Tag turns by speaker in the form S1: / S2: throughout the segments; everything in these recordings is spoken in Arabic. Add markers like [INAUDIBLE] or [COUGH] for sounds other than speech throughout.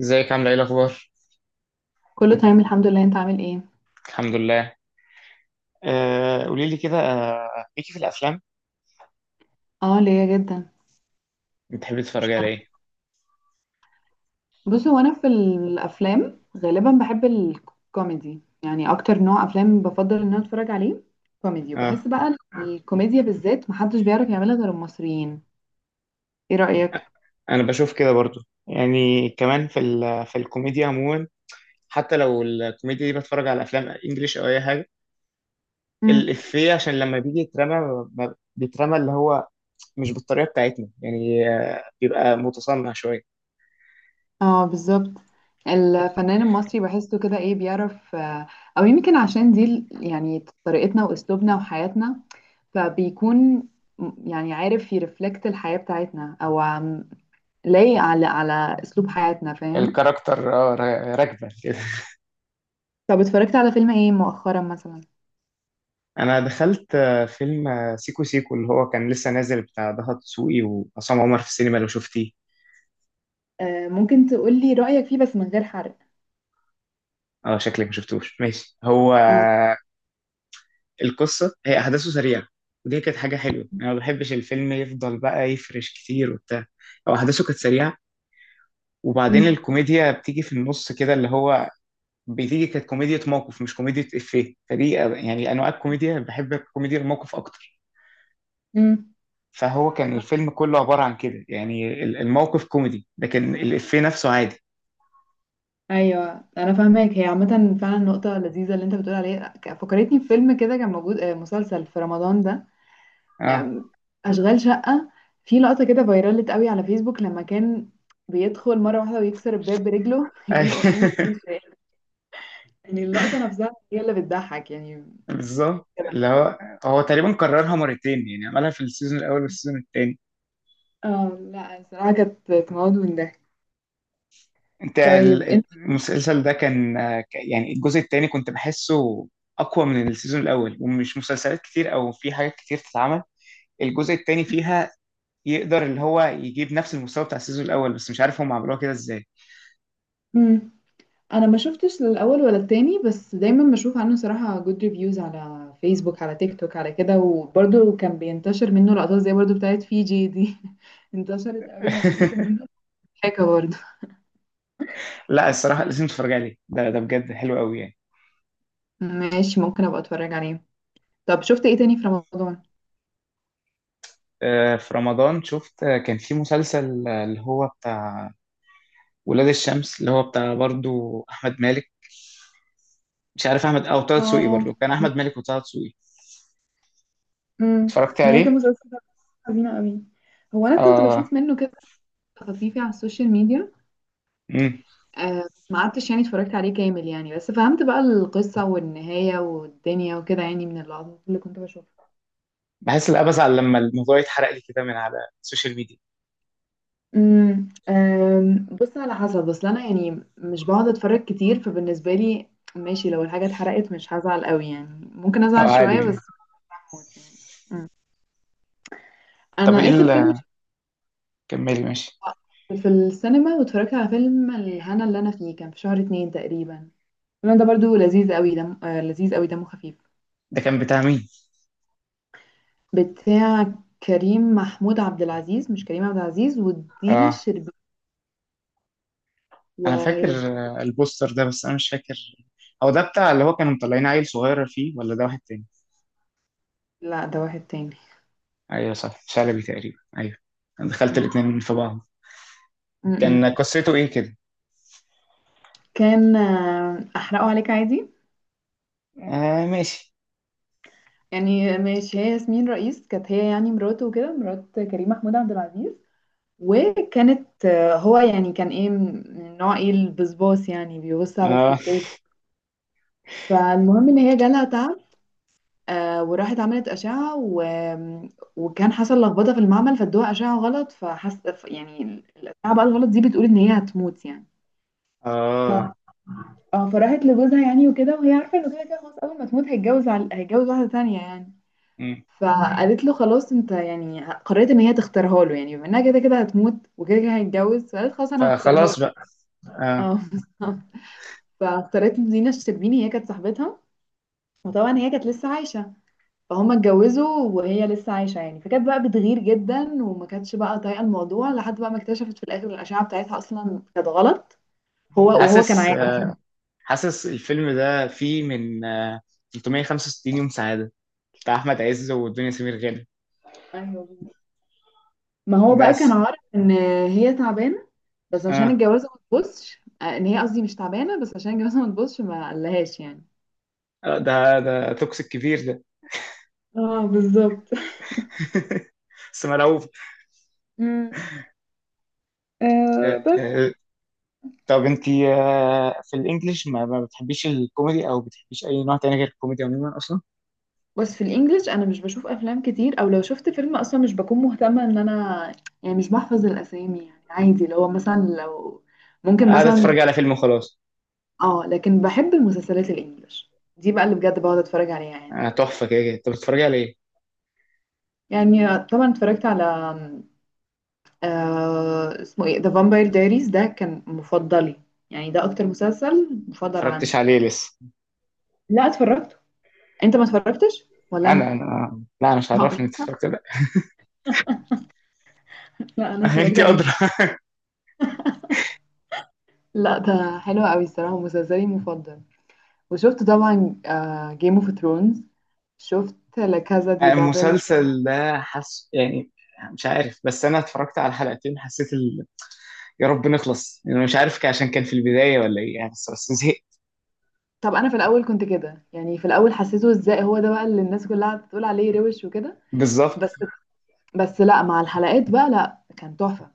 S1: ازيك، عامله ايه الاخبار؟
S2: كله تمام، الحمد لله. انت عامل ايه؟
S1: الحمد لله. قولي لي كده، ليكي في الافلام؟
S2: اه، ليا جدا.
S1: بتحبي
S2: مش
S1: تتفرجي على
S2: فاهمه.
S1: ايه؟
S2: بص، هو انا في الافلام غالبا بحب الكوميدي، يعني اكتر نوع افلام بفضل ان انا اتفرج عليه كوميدي.
S1: اه،
S2: وبحس بقى الكوميديا بالذات محدش بيعرف يعملها غير المصريين. ايه رأيك؟
S1: انا بشوف كده برضو. يعني كمان في ال في الكوميديا عموما، حتى لو الكوميديا دي بتفرج على افلام انجليش او اي حاجه.
S2: امم
S1: الافيه عشان لما بيجي يترمى، بيترمى اللي هو مش بالطريقه بتاعتنا، يعني بيبقى متصنع شويه.
S2: اه، بالظبط. الفنان المصري بحسه كده، ايه، بيعرف. او يمكن عشان دي يعني طريقتنا واسلوبنا وحياتنا، فبيكون، يعني عارف يرفلكت الحياة بتاعتنا، او لايق على اسلوب حياتنا، فاهم؟
S1: الكاركتر اه، راكبه كده [LAUGHS]
S2: طب، اتفرجت على فيلم ايه مؤخرا مثلا؟
S1: انا دخلت فيلم سيكو سيكو، اللي هو كان لسه نازل، بتاع ضهر دسوقي وعصام عمر، في السينما، لو شفتيه؟
S2: آه، ممكن تقولي رأيك فيه بس من غير حرق.
S1: اه، شكلك ما شفتوش. ماشي. هو
S2: اه.
S1: القصه، هي احداثه سريعه، ودي كانت حاجه حلوه، يعني انا ما بحبش الفيلم يفضل بقى يفرش كتير وبتاع. هو احداثه كانت سريعه، وبعدين
S2: امم
S1: الكوميديا بتيجي في النص كده اللي هو كانت كوميديا موقف مش كوميديا افيه، فدي يعني انواع الكوميديا، بحب كوميديا الموقف اكتر.
S2: امم.
S1: فهو كان الفيلم كله عباره عن كده، يعني الموقف كوميدي لكن الافيه نفسه عادي.
S2: ايوه، انا فاهماك. هي عامه فعلا نقطه لذيذه اللي انت بتقول عليها، فكرتني بفيلم كده كان موجود، مسلسل في رمضان ده،
S1: اه.
S2: آم، اشغال شقه. في لقطه كده فايرالت قوي على فيسبوك لما كان بيدخل مره واحده ويكسر الباب برجله [LAUGHS] يقولوا امي امي
S1: أي- [LAUGHS]
S2: شايلة. يعني اللقطه نفسها هي اللي بتضحك يعني.
S1: بالظبط. اللي هو هو تقريبا كررها مرتين، يعني عملها في السيزون الاول والسيزون الثاني.
S2: اه، لا، الصراحة كانت تموت من ده.
S1: انت،
S2: طيب انت.
S1: المسلسل ده كان يعني الجزء الثاني كنت بحسه اقوى من السيزون الاول، ومش مسلسلات كتير او في حاجات كتير تتعمل الجزء الثاني فيها، يقدر اللي هو يجيب نفس المستوى بتاع السيزون الاول، بس مش عارف هم عملوها كده ازاي.
S2: مم. انا ما شفتش الاول ولا التاني، بس دايما بشوف عنه صراحة جود ريفيوز على فيسبوك، على تيك توك، على كده، وبرده كان بينتشر منه لقطات زي برضو بتاعت فيجي دي. [LAUGHS] انتشرت قوي على السوشيال
S1: [LAUGHS]
S2: ميديا. حاجة برضو.
S1: لا، الصراحه لازم تتفرج عليه، ده بجد حلو قوي يعني.
S2: ماشي، ممكن ابقى اتفرج عليه. طب، شفت ايه تاني في رمضان؟
S1: في رمضان شفت كان في مسلسل اللي هو بتاع ولاد الشمس، اللي هو بتاع برضو احمد مالك. مش عارف، احمد او طه دسوقي، برضو
S2: اه.
S1: كان احمد مالك وطه دسوقي.
S2: مم.
S1: اتفرجت
S2: نهاية
S1: عليه.
S2: المسلسل ده حزينة قوي. هو انا كنت
S1: اه.
S2: بشوف منه كده خطيفي على السوشيال ميديا.
S1: امم
S2: آه، ما قعدتش يعني اتفرجت عليه كامل يعني، بس فهمت بقى القصة والنهاية والدنيا وكده يعني، من اللقطات اللي كنت بشوفها.
S1: بحس. لا، بزعل لما الموضوع يتحرق لي كده من على السوشيال ميديا،
S2: آم، بص، على حسب، اصل انا يعني مش بقعد اتفرج كتير، فبالنسبة لي، ماشي، لو الحاجة اتحرقت مش هزعل قوي يعني، ممكن
S1: او
S2: ازعل
S1: عادي
S2: شوية بس.
S1: يعني.
S2: هموت يعني. مم. انا
S1: طب ايه
S2: اخر فيلم
S1: اللي،
S2: شفته
S1: كملي. ماشي.
S2: في السينما واتفرجت على فيلم الهنا، اللي انا فيه، كان في شهر 2 تقريبا. الفيلم ده برضو لذيذ قوي، دمه خفيف.
S1: ده كان بتاع مين؟
S2: بتاع كريم محمود عبد العزيز، مش كريم عبد العزيز، ودينا
S1: اه،
S2: الشربيني
S1: انا فاكر
S2: ورسم.
S1: البوستر ده، بس انا مش فاكر هو ده بتاع اللي هو كانوا مطلعين عيل صغير فيه، ولا ده واحد تاني؟
S2: لا، ده واحد تاني.
S1: ايوه صح، شلبي تقريبا. ايوه. انا دخلت
S2: م-م.
S1: الاتنين في بعض.
S2: م-م.
S1: كان قصته ايه كده؟
S2: كان، احرقه عليك عادي
S1: آه، ماشي.
S2: يعني. ماشي، هي ياسمين رئيس كانت هي يعني مراته وكده، مرات كريم محمود عبد العزيز. وكانت، هو يعني كان ايه، من نوع ايه البسباس، يعني بيبص على
S1: اه.
S2: الستات. فالمهم ان هي جالها تعب. وراحت عملت أشعة، و... وكان حصل لخبطة في المعمل فادوها أشعة غلط، فحس يعني الأشعة بقى الغلط دي بتقول إن هي هتموت يعني.
S1: اه.
S2: ف... اه فراحت لجوزها يعني وكده، وهي عارفة إنه كده كده خلاص، أول ما تموت هيتجوز واحدة تانية يعني.
S1: مم.
S2: فقالت له خلاص، انت يعني قررت ان هي تختارها له يعني، بما انها كده كده هتموت وكده كده هيتجوز، فقالت خلاص انا هختارها له.
S1: فخلاص بقى. آه.
S2: اه [LAUGHS] بالظبط. فاختارت دينا الشربيني، هي كانت صاحبتها، وطبعا هي كانت لسه عايشة، فهم اتجوزوا وهي لسه عايشة يعني، فكانت بقى بتغير جدا وما كانتش بقى طايقة الموضوع، لحد بقى ما اكتشفت في الآخر الأشعة بتاعتها أصلا كانت غلط. هو كان
S1: حاسس
S2: عارف.
S1: حاسس الفيلم ده فيه من 365 يوم سعادة بتاع أحمد عز والدنيا سمير غانم،
S2: ايوه، ما هو بقى كان
S1: بس.
S2: عارف ان هي تعبانة، بس عشان
S1: آه
S2: الجوازة ما تبصش ان هي، قصدي مش تعبانة، بس عشان الجوازة ما تبصش ما قالهاش يعني.
S1: ده توكسيك كبير ده.
S2: اه، بالظبط.
S1: [LAUGHS] بس مرعوب.
S2: امم. آه،
S1: آه،
S2: بس.
S1: آه، طب انت في الانجليش، ما بتحبيش الكوميدي، او بتحبيش اي نوع تاني غير الكوميدي عموما اصلا؟
S2: بس في الانجليش انا مش بشوف افلام كتير، او لو شفت فيلم اصلا مش بكون مهتمه ان انا يعني مش بحفظ الاسامي يعني، عادي لو مثلا، لو ممكن
S1: قاعدة
S2: مثلا.
S1: اتفرج على فيلم وخلاص.
S2: اه، لكن بحب المسلسلات الانجليش، دي بقى اللي بجد بقعد اتفرج عليها يعني.
S1: تحفة كده كده. طب بتتفرجي على ايه؟ ما
S2: يعني طبعا اتفرجت على، آه اسمه ايه، ذا فامباير دايريز، ده كان مفضلي، يعني ده اكتر مسلسل مفضل
S1: اتفرجتش
S2: عندي.
S1: عليه لسه؟
S2: لا، اتفرجته. انت ما اتفرجتش ولا
S1: انا
S2: انا؟
S1: انا لا، مش
S2: [LAUGHS] اه.
S1: عرفني انت اتفرجت ولا.
S2: لا، انا
S1: لا، [LAUGHS]
S2: اتفرجت
S1: انت
S2: عليه
S1: ادرى.
S2: بجد. لا، ده حلو قوي الصراحه، مسلسلي مفضل. وشفت طبعا جيم اوف ثرونز. شفت لا كازا دي بابل.
S1: المسلسل ده حس يعني، مش عارف، بس انا اتفرجت على حلقتين حسيت ال... يا رب نخلص. انا مش عارف، عشان كان في البدايه ولا ايه يعني. بس زهقت.
S2: طب انا في الاول كنت كده يعني، في الاول حسيته ازاي، هو ده بقى اللي الناس كلها بتقول عليه روش وكده؟
S1: بالظبط.
S2: بس. بس لا، مع الحلقات بقى لا كان تحفة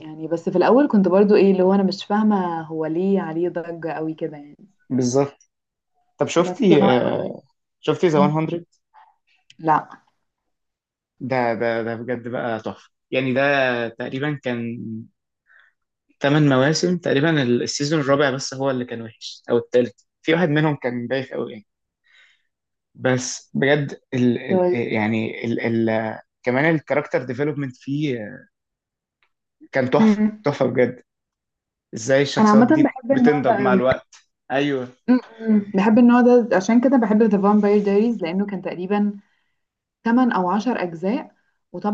S2: يعني. بس في الاول كنت برضو ايه اللي هو، انا مش فاهمة هو ليه عليه ضجة قوي كده يعني.
S1: بالظبط. طب
S2: بس
S1: شفتي شفتي ذا 100؟
S2: لا.
S1: ده بجد بقى تحفه، يعني ده تقريبا كان ثمان مواسم تقريبا، السيزون الرابع بس هو اللي كان وحش، او الثالث، في واحد منهم كان بايخ قوي يعني. بس بجد
S2: طيب.
S1: يعني كمان الكاركتر ديفلوبمنت فيه، كان تحفه
S2: أمم.
S1: تحفه بجد. ازاي
S2: انا
S1: الشخصيات
S2: عامة
S1: دي
S2: بحب النوع
S1: بتنضج
S2: ده
S1: مع
S2: قوي.
S1: الوقت. ايوه.
S2: أمم. بحب النوع ده، عشان كده بحب The Vampire Diaries، لانه كان تقريبا 8 أو 10 أجزاء.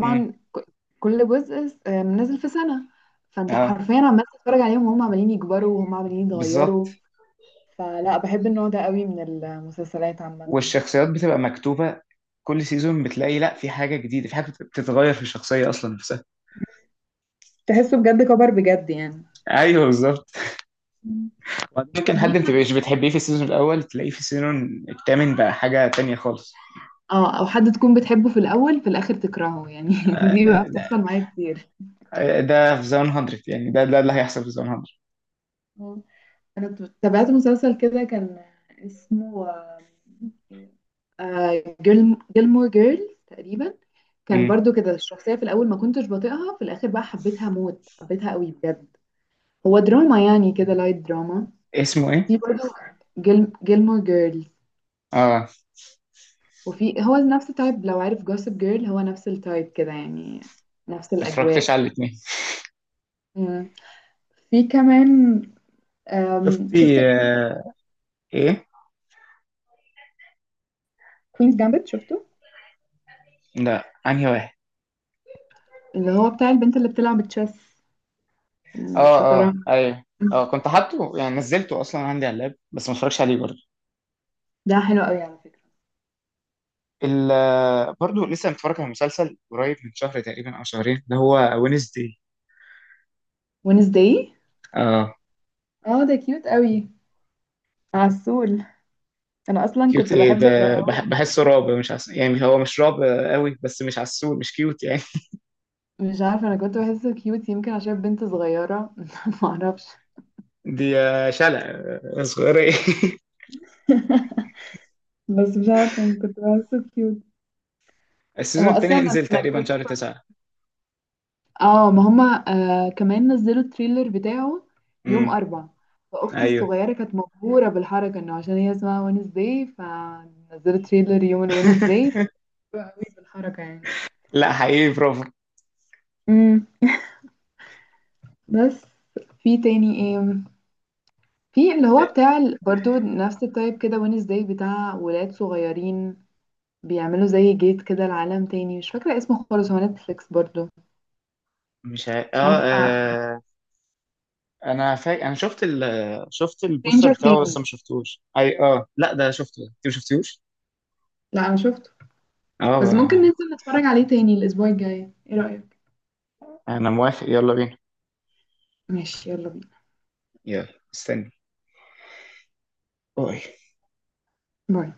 S1: امم.
S2: كل جزء نازل في سنة، فأنت
S1: اه،
S2: حرفيا عمال تتفرج عليهم وهم عمالين يكبروا وهم عمالين
S1: بالظبط.
S2: يتغيروا. فلا بحب النوع ده قوي من المسلسلات عامة.
S1: والشخصيات بتبقى مكتوبة. كل سيزون بتلاقي، لا، في حاجة جديدة، في حاجة بتتغير في الشخصية أصلا نفسها.
S2: تحسه بجد كبر بجد يعني.
S1: ايوه، بالظبط.
S2: مم.
S1: وبعدين ممكن
S2: طب
S1: حد
S2: ليك
S1: ما
S2: مثلا.
S1: تبقاش بتحبيه في السيزون الأول، تلاقيه في السيزون الثامن بقى حاجة تانية خالص.
S2: اه، او حد تكون بتحبه في الاول في الاخر تكرهه يعني [LAUGHS] دي بقى
S1: ده
S2: بتحصل معايا كتير.
S1: ده في زون 100 يعني، ده اللي هيحصل في زون 100.
S2: انا تابعت مسلسل كده كان اسمه جيلمور جيرلز تقريبا، كان
S1: امم.
S2: برضو كده الشخصية في الأول ما كنتش بطيئها، في الآخر بقى حبيتها موت، حبيتها قوي بجد. هو دراما يعني كده، لايت دراما.
S1: اسمه ايه؟
S2: في برضو جيلمور جيرلز،
S1: اه، ما
S2: وفي هو نفس التايب لو عارف جوسب جيرل، هو نفس التايب كده يعني، نفس
S1: اتفرجتش
S2: الأجواء.
S1: على الاثنين.
S2: مم. في كمان، شفت
S1: شفتي ايه؟
S2: كوينز جامبت، شفته؟
S1: لا، انهي واحد؟
S2: اللي هو بتاع البنت اللي بتلعب تشيس،
S1: اه، اه،
S2: شطرنج.
S1: ايوه. اه، كنت حاطه يعني، نزلته اصلا عندي على اللاب، بس ما اتفرجش عليه برضه.
S2: ده حلو قوي على فكرة.
S1: برضه لسه متفرج على مسلسل قريب من شهر تقريبا او شهرين، ده هو وينزداي.
S2: ونسداي.
S1: اه،
S2: اه، ده كيوت قوي، عسول. انا اصلا
S1: كيوت
S2: كنت
S1: ايه
S2: بحب اللي
S1: ده؟
S2: هو [LAUGHS]
S1: بحسه رعب، مش يعني هو مش رعب قوي، بس مش عسول مش كيوت يعني. [LAUGHS]
S2: مش عارفة، انا كنت بحسه كيوت يمكن عشان بنت صغيرة [LAUGHS] معرفش.
S1: دي شلة صغيرة. [LAUGHS]
S2: [LAUGHS] بس مش عارفة يعني، كنت بحسه كيوت.
S1: السيزون
S2: هو
S1: التاني
S2: اصلا
S1: هينزل
S2: انا
S1: تقريبا
S2: كنت
S1: شهر تسعة.
S2: اه، ما هما آه كمان نزلوا التريلر بتاعه
S1: امم.
S2: يوم اربع. فاختي
S1: ايوه.
S2: الصغيرة كانت مبهورة بالحركة انه عشان هي اسمها وينزداي، فنزلوا تريلر يوم الوينزداي، فكانت
S1: [LAUGHS]
S2: مبهورة قوي بالحركة
S1: لا، حقيقي برافو.
S2: يعني. بس، في تاني ايه؟ في اللي هو بتاع برضو نفس التايب كده وينز داي، بتاع ولاد صغيرين بيعملوا زي جيت كده لعالم تاني، مش فاكرة اسمه خالص، هو نتفليكس برضو.
S1: مش
S2: مش
S1: اه,
S2: عارفة.
S1: آه انا شفت ال شفت البوستر
S2: Stranger
S1: بتاعه، بس
S2: Things.
S1: ما شفتوش اي. اه، لا، ده شفته. انت ما شفتوش.
S2: لا، انا شفته،
S1: اه،
S2: بس ممكن ننزل نتفرج عليه تاني الاسبوع الجاي، ايه رأيك؟
S1: انا موافق، يلا بينا.
S2: ماشي، يلا بينا.
S1: يلا استني. أوي.
S2: باي.